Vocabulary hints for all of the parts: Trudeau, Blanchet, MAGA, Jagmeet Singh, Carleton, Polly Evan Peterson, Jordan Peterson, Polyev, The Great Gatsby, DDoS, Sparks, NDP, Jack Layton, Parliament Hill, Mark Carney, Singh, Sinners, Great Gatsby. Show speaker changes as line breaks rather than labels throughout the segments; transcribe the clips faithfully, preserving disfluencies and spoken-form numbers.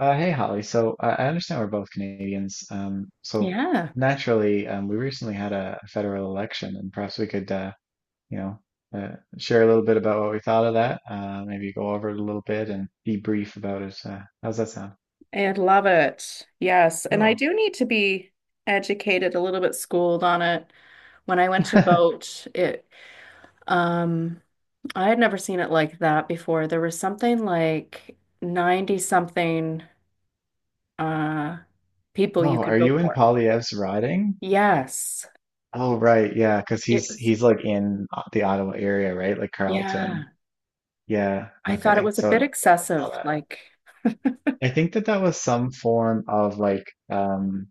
Uh, hey Holly, so I I understand we're both Canadians. Um, so
Yeah,
naturally, um, we recently had a, a federal election, and perhaps we could, uh, you know, uh, share a little bit about what we thought of that. Uh, maybe go over it a little bit and debrief about it. Uh, how's that sound?
I love it. Yes. And I
Cool.
do need to be educated, a little bit schooled on it. When I went to vote, it um I had never seen it like that before. There was something like ninety something uh people you
Oh, are
could vote
you in
for.
Polyev's riding?
Yes.
Oh, right, yeah, because
It
he's
was,
he's like in O- the Ottawa area, right? Like
yeah.
Carleton. Yeah.
I thought it
Okay.
was a
So
bit
I saw
excessive.
that.
Like,
I think that that was some form of like um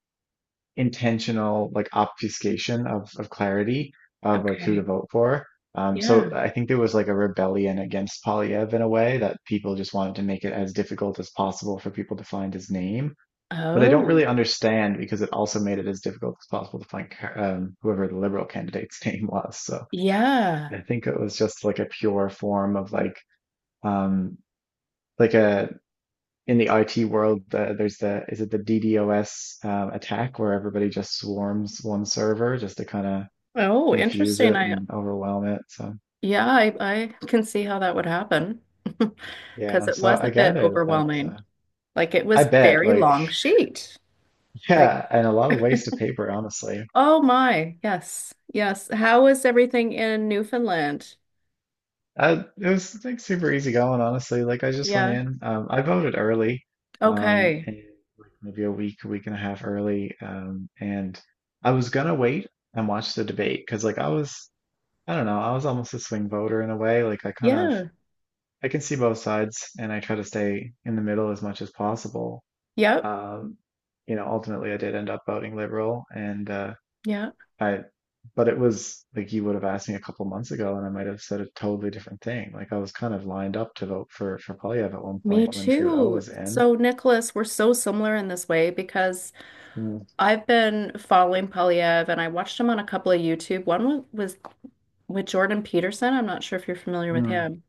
intentional like obfuscation of of clarity of like who to
okay.
vote for. Um,
Yeah.
so I think there was like a rebellion against Polyev in a way that people just wanted to make it as difficult as possible for people to find his name. But I don't really
Oh.
understand because it also made it as difficult as possible to find um, whoever the liberal candidate's name was. So
Yeah.
I think it was just like a pure form of like um, like a in the I T world, the, there's the is it the DDoS um, attack where everybody just swarms one server just to kind of
Oh,
confuse
interesting.
it
I
and overwhelm it. So
Yeah, I, I can see how that would happen because
yeah,
it
so
was
I
a bit
gather that that uh,
overwhelming. Like it
I
was
bet
very
like
long sheet. Like,
Yeah, and a lot of waste of paper, honestly.
oh my, yes, yes. How is everything in Newfoundland?
Uh, it was like super easy going, honestly. Like I just went
Yeah.
in. Um, I voted early, um,
Okay.
and like maybe a week, a week and a half early. Um, and I was gonna wait and watch the debate because like I was I don't know. I was almost a swing voter in a way. Like I kind of
Yeah.
I can see both sides and I try to stay in the middle as much as possible.
Yep.
Um, you know, ultimately I did end up voting liberal, and uh
Yeah.
I but it was like you would have asked me a couple months ago and I might have said a totally different thing. Like I was kind of lined up to vote for for Polyev at one
Me
point when Trudeau
too.
was in.
So, Nicholas, we're so similar in this way because
Mm,
I've been following Polyev and I watched him on a couple of YouTube. One was, was with Jordan Peterson. I'm not sure if you're familiar with
mm.
him.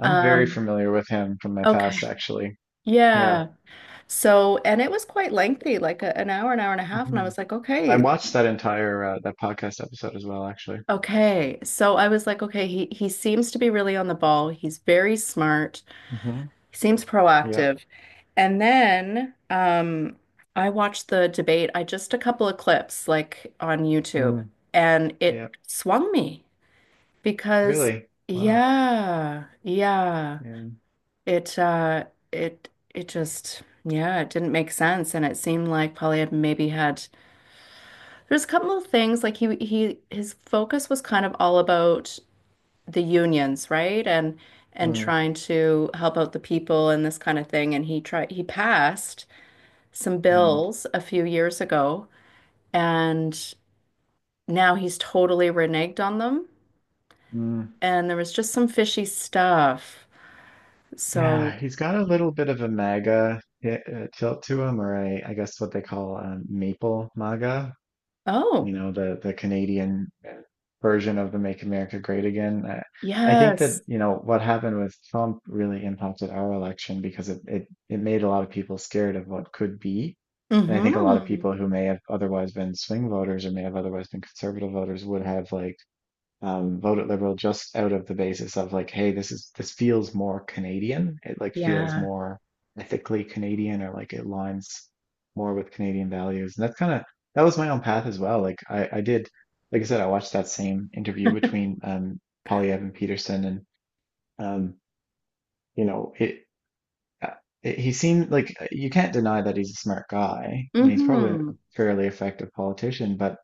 I'm very
Um,
familiar with him from my
okay.
past actually. Yeah.
Yeah. So, and it was quite lengthy, like a, an hour, an hour and a half. And I
hmm
was like,
I
okay,
watched that entire uh, that podcast episode as well actually.
okay. So I was like, okay, he, he seems to be really on the ball. He's very smart.
hmm
He seems
Yeah.
proactive. And then um, I watched the debate. I just a couple of clips like on YouTube,
Mm.
and it
Yeah,
swung me because
really. Wow.
yeah, yeah,
Yeah.
it uh, it it just, yeah, it didn't make sense, and it seemed like Polly had maybe had. There's a couple of things like he he his focus was kind of all about the unions, right? And and
Mm.
trying to help out the people and this kind of thing. And he tried he passed some
Mm.
bills a few years ago, and now he's totally reneged on them.
Mm.
And there was just some fishy stuff. So,
Yeah, he's got a little bit of a MAGA hit, uh, tilt to him, or a, I guess what they call um, maple MAGA, you
oh,
know, the the Canadian uh, version of the Make America Great Again. I, I think that,
yes.
you know, what happened with Trump really impacted our election because it, it it made a lot of people scared of what could be. And I think a lot of
Mm-hmm.
people who may have otherwise been swing voters or may have otherwise been conservative voters would have like um, voted Liberal just out of the basis of like, hey, this is this feels more Canadian. It like feels
Yeah.
more ethically Canadian or like it aligns more with Canadian values. And that's kind of that was my own path as well. Like I, I did, like I said, I watched that same interview between um, Polly Evan Peterson and um, you know it. uh, it- He seemed like uh, you can't deny that he's a smart guy, and he's probably a
Mm-hmm.
fairly effective politician. But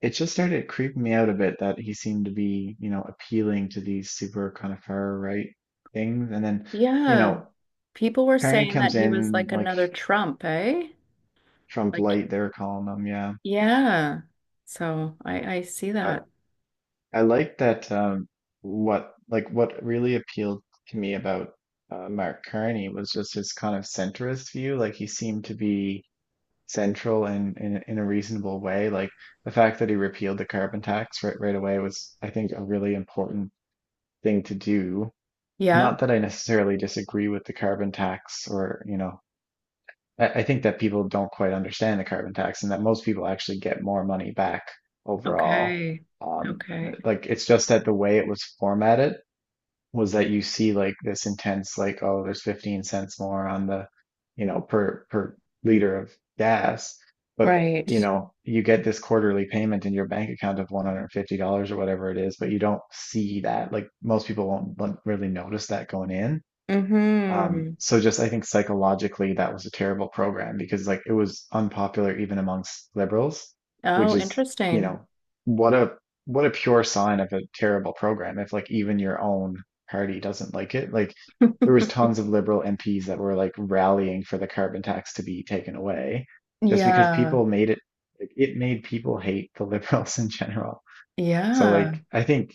it just started creeping me out a bit that he seemed to be, you know, appealing to these super kind of far right things. And then, you
Yeah.
know,
People were
Carney
saying that
comes
he was
in
like
like
another Trump, eh?
Trump
Like.
light, they were calling him. Yeah.
Yeah. So I I see
I,
that.
I like that. Um, what, like, what really appealed to me about uh, Mark Carney was just his kind of centrist view. Like, he seemed to be central in, in, in a reasonable way. Like, the fact that he repealed the carbon tax right, right away was, I think, a really important thing to do.
Yep.
Not that I necessarily disagree with the carbon tax or, you know, I, I think that people don't quite understand the carbon tax and that most people actually get more money back overall.
Okay.
Um,
Okay.
like, it's just that the way it was formatted was that you see like this intense, like, oh, there's fifteen cents more on the, you know, per per liter of gas, but
Right.
you know, you get this quarterly payment in your bank account of one hundred fifty dollars or whatever it is, but you don't see that. Like most people won't like, really notice that going in. Um,
Mm-hmm.
so just I think psychologically that was a terrible program because like it was unpopular even amongst liberals, which
Oh,
is, you
interesting.
know, what a what a pure sign of a terrible program if like even your own party doesn't like it. Like there was tons of liberal M Ps that were like rallying for the carbon tax to be taken away just because
Yeah.
people made it like, it made people hate the liberals in general. So
Yeah.
like I think,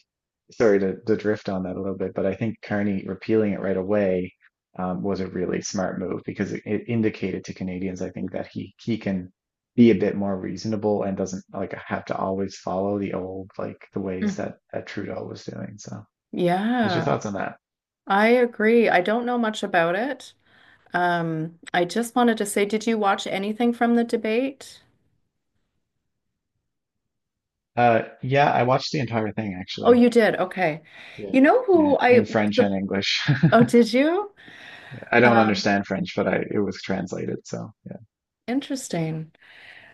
sorry to, to drift on that a little bit, but I think Carney repealing it right away um, was a really smart move because it, it indicated to Canadians, I think, that he he can be a bit more reasonable and doesn't like have to always follow the old like the ways
Mm.
that that Trudeau was doing. So, what's your
Yeah.
thoughts on that?
I agree. I don't know much about it. Um, I just wanted to say, did you watch anything from the debate?
Uh, yeah, I watched the entire thing
Oh,
actually.
you did. Okay.
Yeah.
You know who
Yeah,
I,
in French and English.
oh, did you?
I don't
Um,
understand French, but I it was translated, so yeah.
Interesting.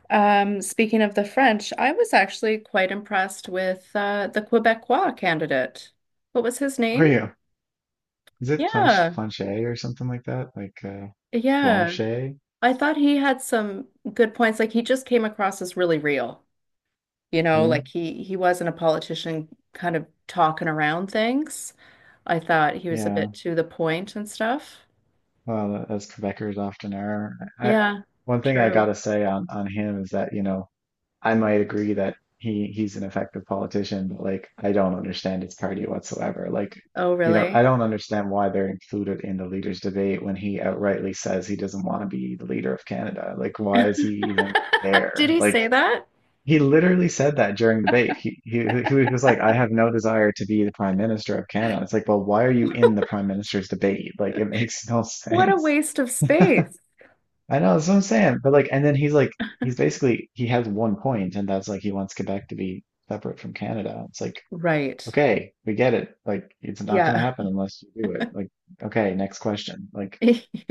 Um, speaking of the French, I was actually quite impressed with uh, the Quebecois candidate. What was his
How are
name?
you? Is it planche
Yeah,
planche or something like that? Like uh
yeah.
Blanchet?
I thought he had some good points. Like he just came across as really real, you know, like
Mm,
he he wasn't a politician kind of talking around things. I thought he was a
yeah.
bit to the point and stuff.
Well, as Quebecers often are. I
Yeah,
One thing I
true.
gotta say on on him is that, you know, I might agree that he he's an effective politician, but like I don't understand his party whatsoever. Like,
Oh,
you know,
really?
I don't understand why they're included in the leaders debate when he outrightly says he doesn't want to be the leader of Canada. Like, why is he even
Did
there?
he
Like,
say that?
He literally said that during debate. He, he he was like, "I have no desire to be the Prime Minister of Canada." It's like, well, why are you in the Prime Minister's debate? Like, it makes no
What a
sense.
waste of space.
I know that's what I'm saying, but like, and then he's like, he's basically he has one point, and that's like he wants Quebec to be separate from Canada. It's like,
Right.
okay, we get it. Like, it's not going to
Yeah.
happen unless you do it. Like, okay, next question. Like,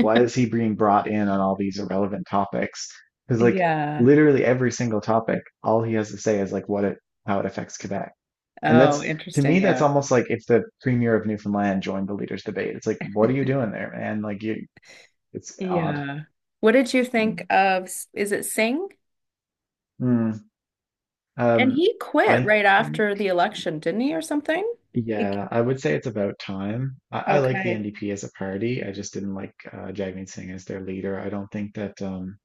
why is he being brought in on all these irrelevant topics? Because, like,
Yeah.
literally every single topic, all he has to say is, like, what it, how it affects Quebec. And
Oh,
that's, to
interesting.
me, that's
Yeah.
almost like if the premier of Newfoundland joined the leaders' debate. It's like, what are you doing there, man? Like, you, it's odd.
Yeah. What did you
I
think
mean,
of, S- is it Singh?
hmm.
And
Um,
he quit
I
right
think
after the election, didn't he, or something? He-
yeah, I would say it's about time. I, I like the
Okay.
N D P as a party. I just didn't like uh, Jagmeet Singh as their leader. I don't think that um,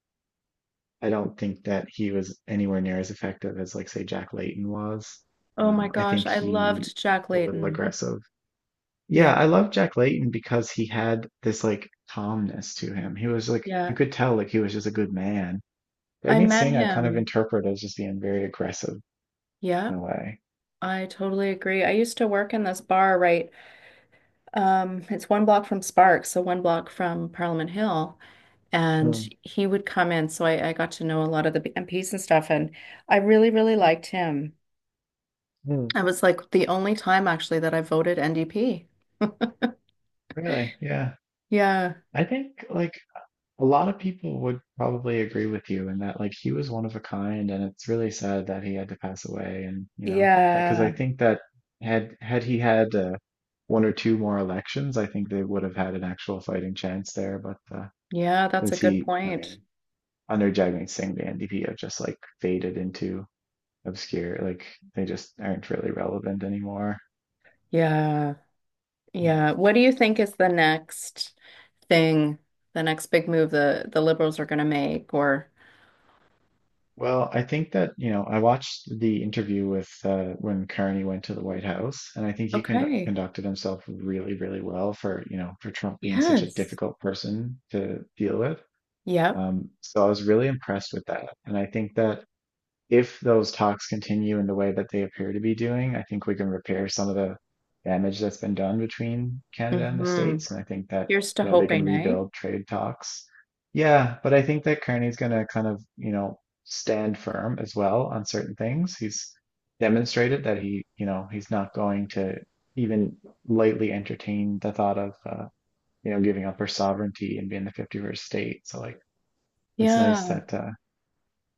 I don't think that he was anywhere near as effective as like say Jack Layton was.
Oh my
Um, I
gosh,
think
I
he
loved Jack
was a little
Layton.
aggressive. Yeah,
Yeah,
I love Jack Layton because he had this like calmness to him. He was like You
yeah.
could tell like he was just a good man.
I
Jagmeet
met
Singh, I kind of
him.
interpret as just being very aggressive
Yeah,
in a way.
I totally agree. I used to work in this bar, right? Um, it's one block from Sparks, so one block from Parliament Hill. And
Mm,
he would come in, so I, I got to know a lot of the M Ps and stuff, and I really, really liked him.
mm.
I was like the only time actually that I voted N D P.
Really? Yeah.
Yeah.
I think like a lot of people would probably agree with you in that like he was one of a kind and it's really sad that he had to pass away, and you know because I
Yeah.
think that had had he had uh, one or two more elections I think they would have had an actual fighting chance there, but uh,
Yeah, that's a
since
good
he, I
point.
mean, under Jagmeet Singh the N D P have just like faded into obscure like they just aren't really relevant anymore.
Yeah. Yeah. What do you think is the next thing, the next big move the the liberals are going to make or.
Well, I think that, you know, I watched the interview with uh, when Carney went to the White House, and I think he condu
Okay.
conducted himself really, really well for, you know, for Trump being such a
Yes.
difficult person to deal with.
Yep.
Um, so I was really impressed with that. And I think that, if those talks continue in the way that they appear to be doing, I think we can repair some of the damage that's been done between Canada and the
Hmm.
States. And I think that,
Here's to
you know, they can
hoping, eh?
rebuild trade talks. Yeah, but I think that Kearney's going to kind of, you know, stand firm as well on certain things. He's demonstrated that he, you know, he's not going to even lightly entertain the thought of, uh, you know, giving up her sovereignty and being the fifty-first state. So, like, it's nice
Yeah.
that uh,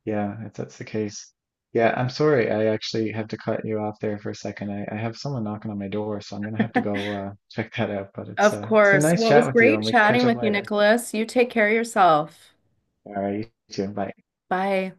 yeah, if that's the case. Yeah, I'm sorry. I actually have to cut you off there for a second. I, I have someone knocking on my door, so I'm gonna have to go uh, check that out. But it's
Of
uh, it's been
course.
nice
Well, it
chat
was
with you,
great
and we can
chatting
catch up
with you,
later.
Nicholas. You take care of yourself.
All right, you too. Bye.
Bye.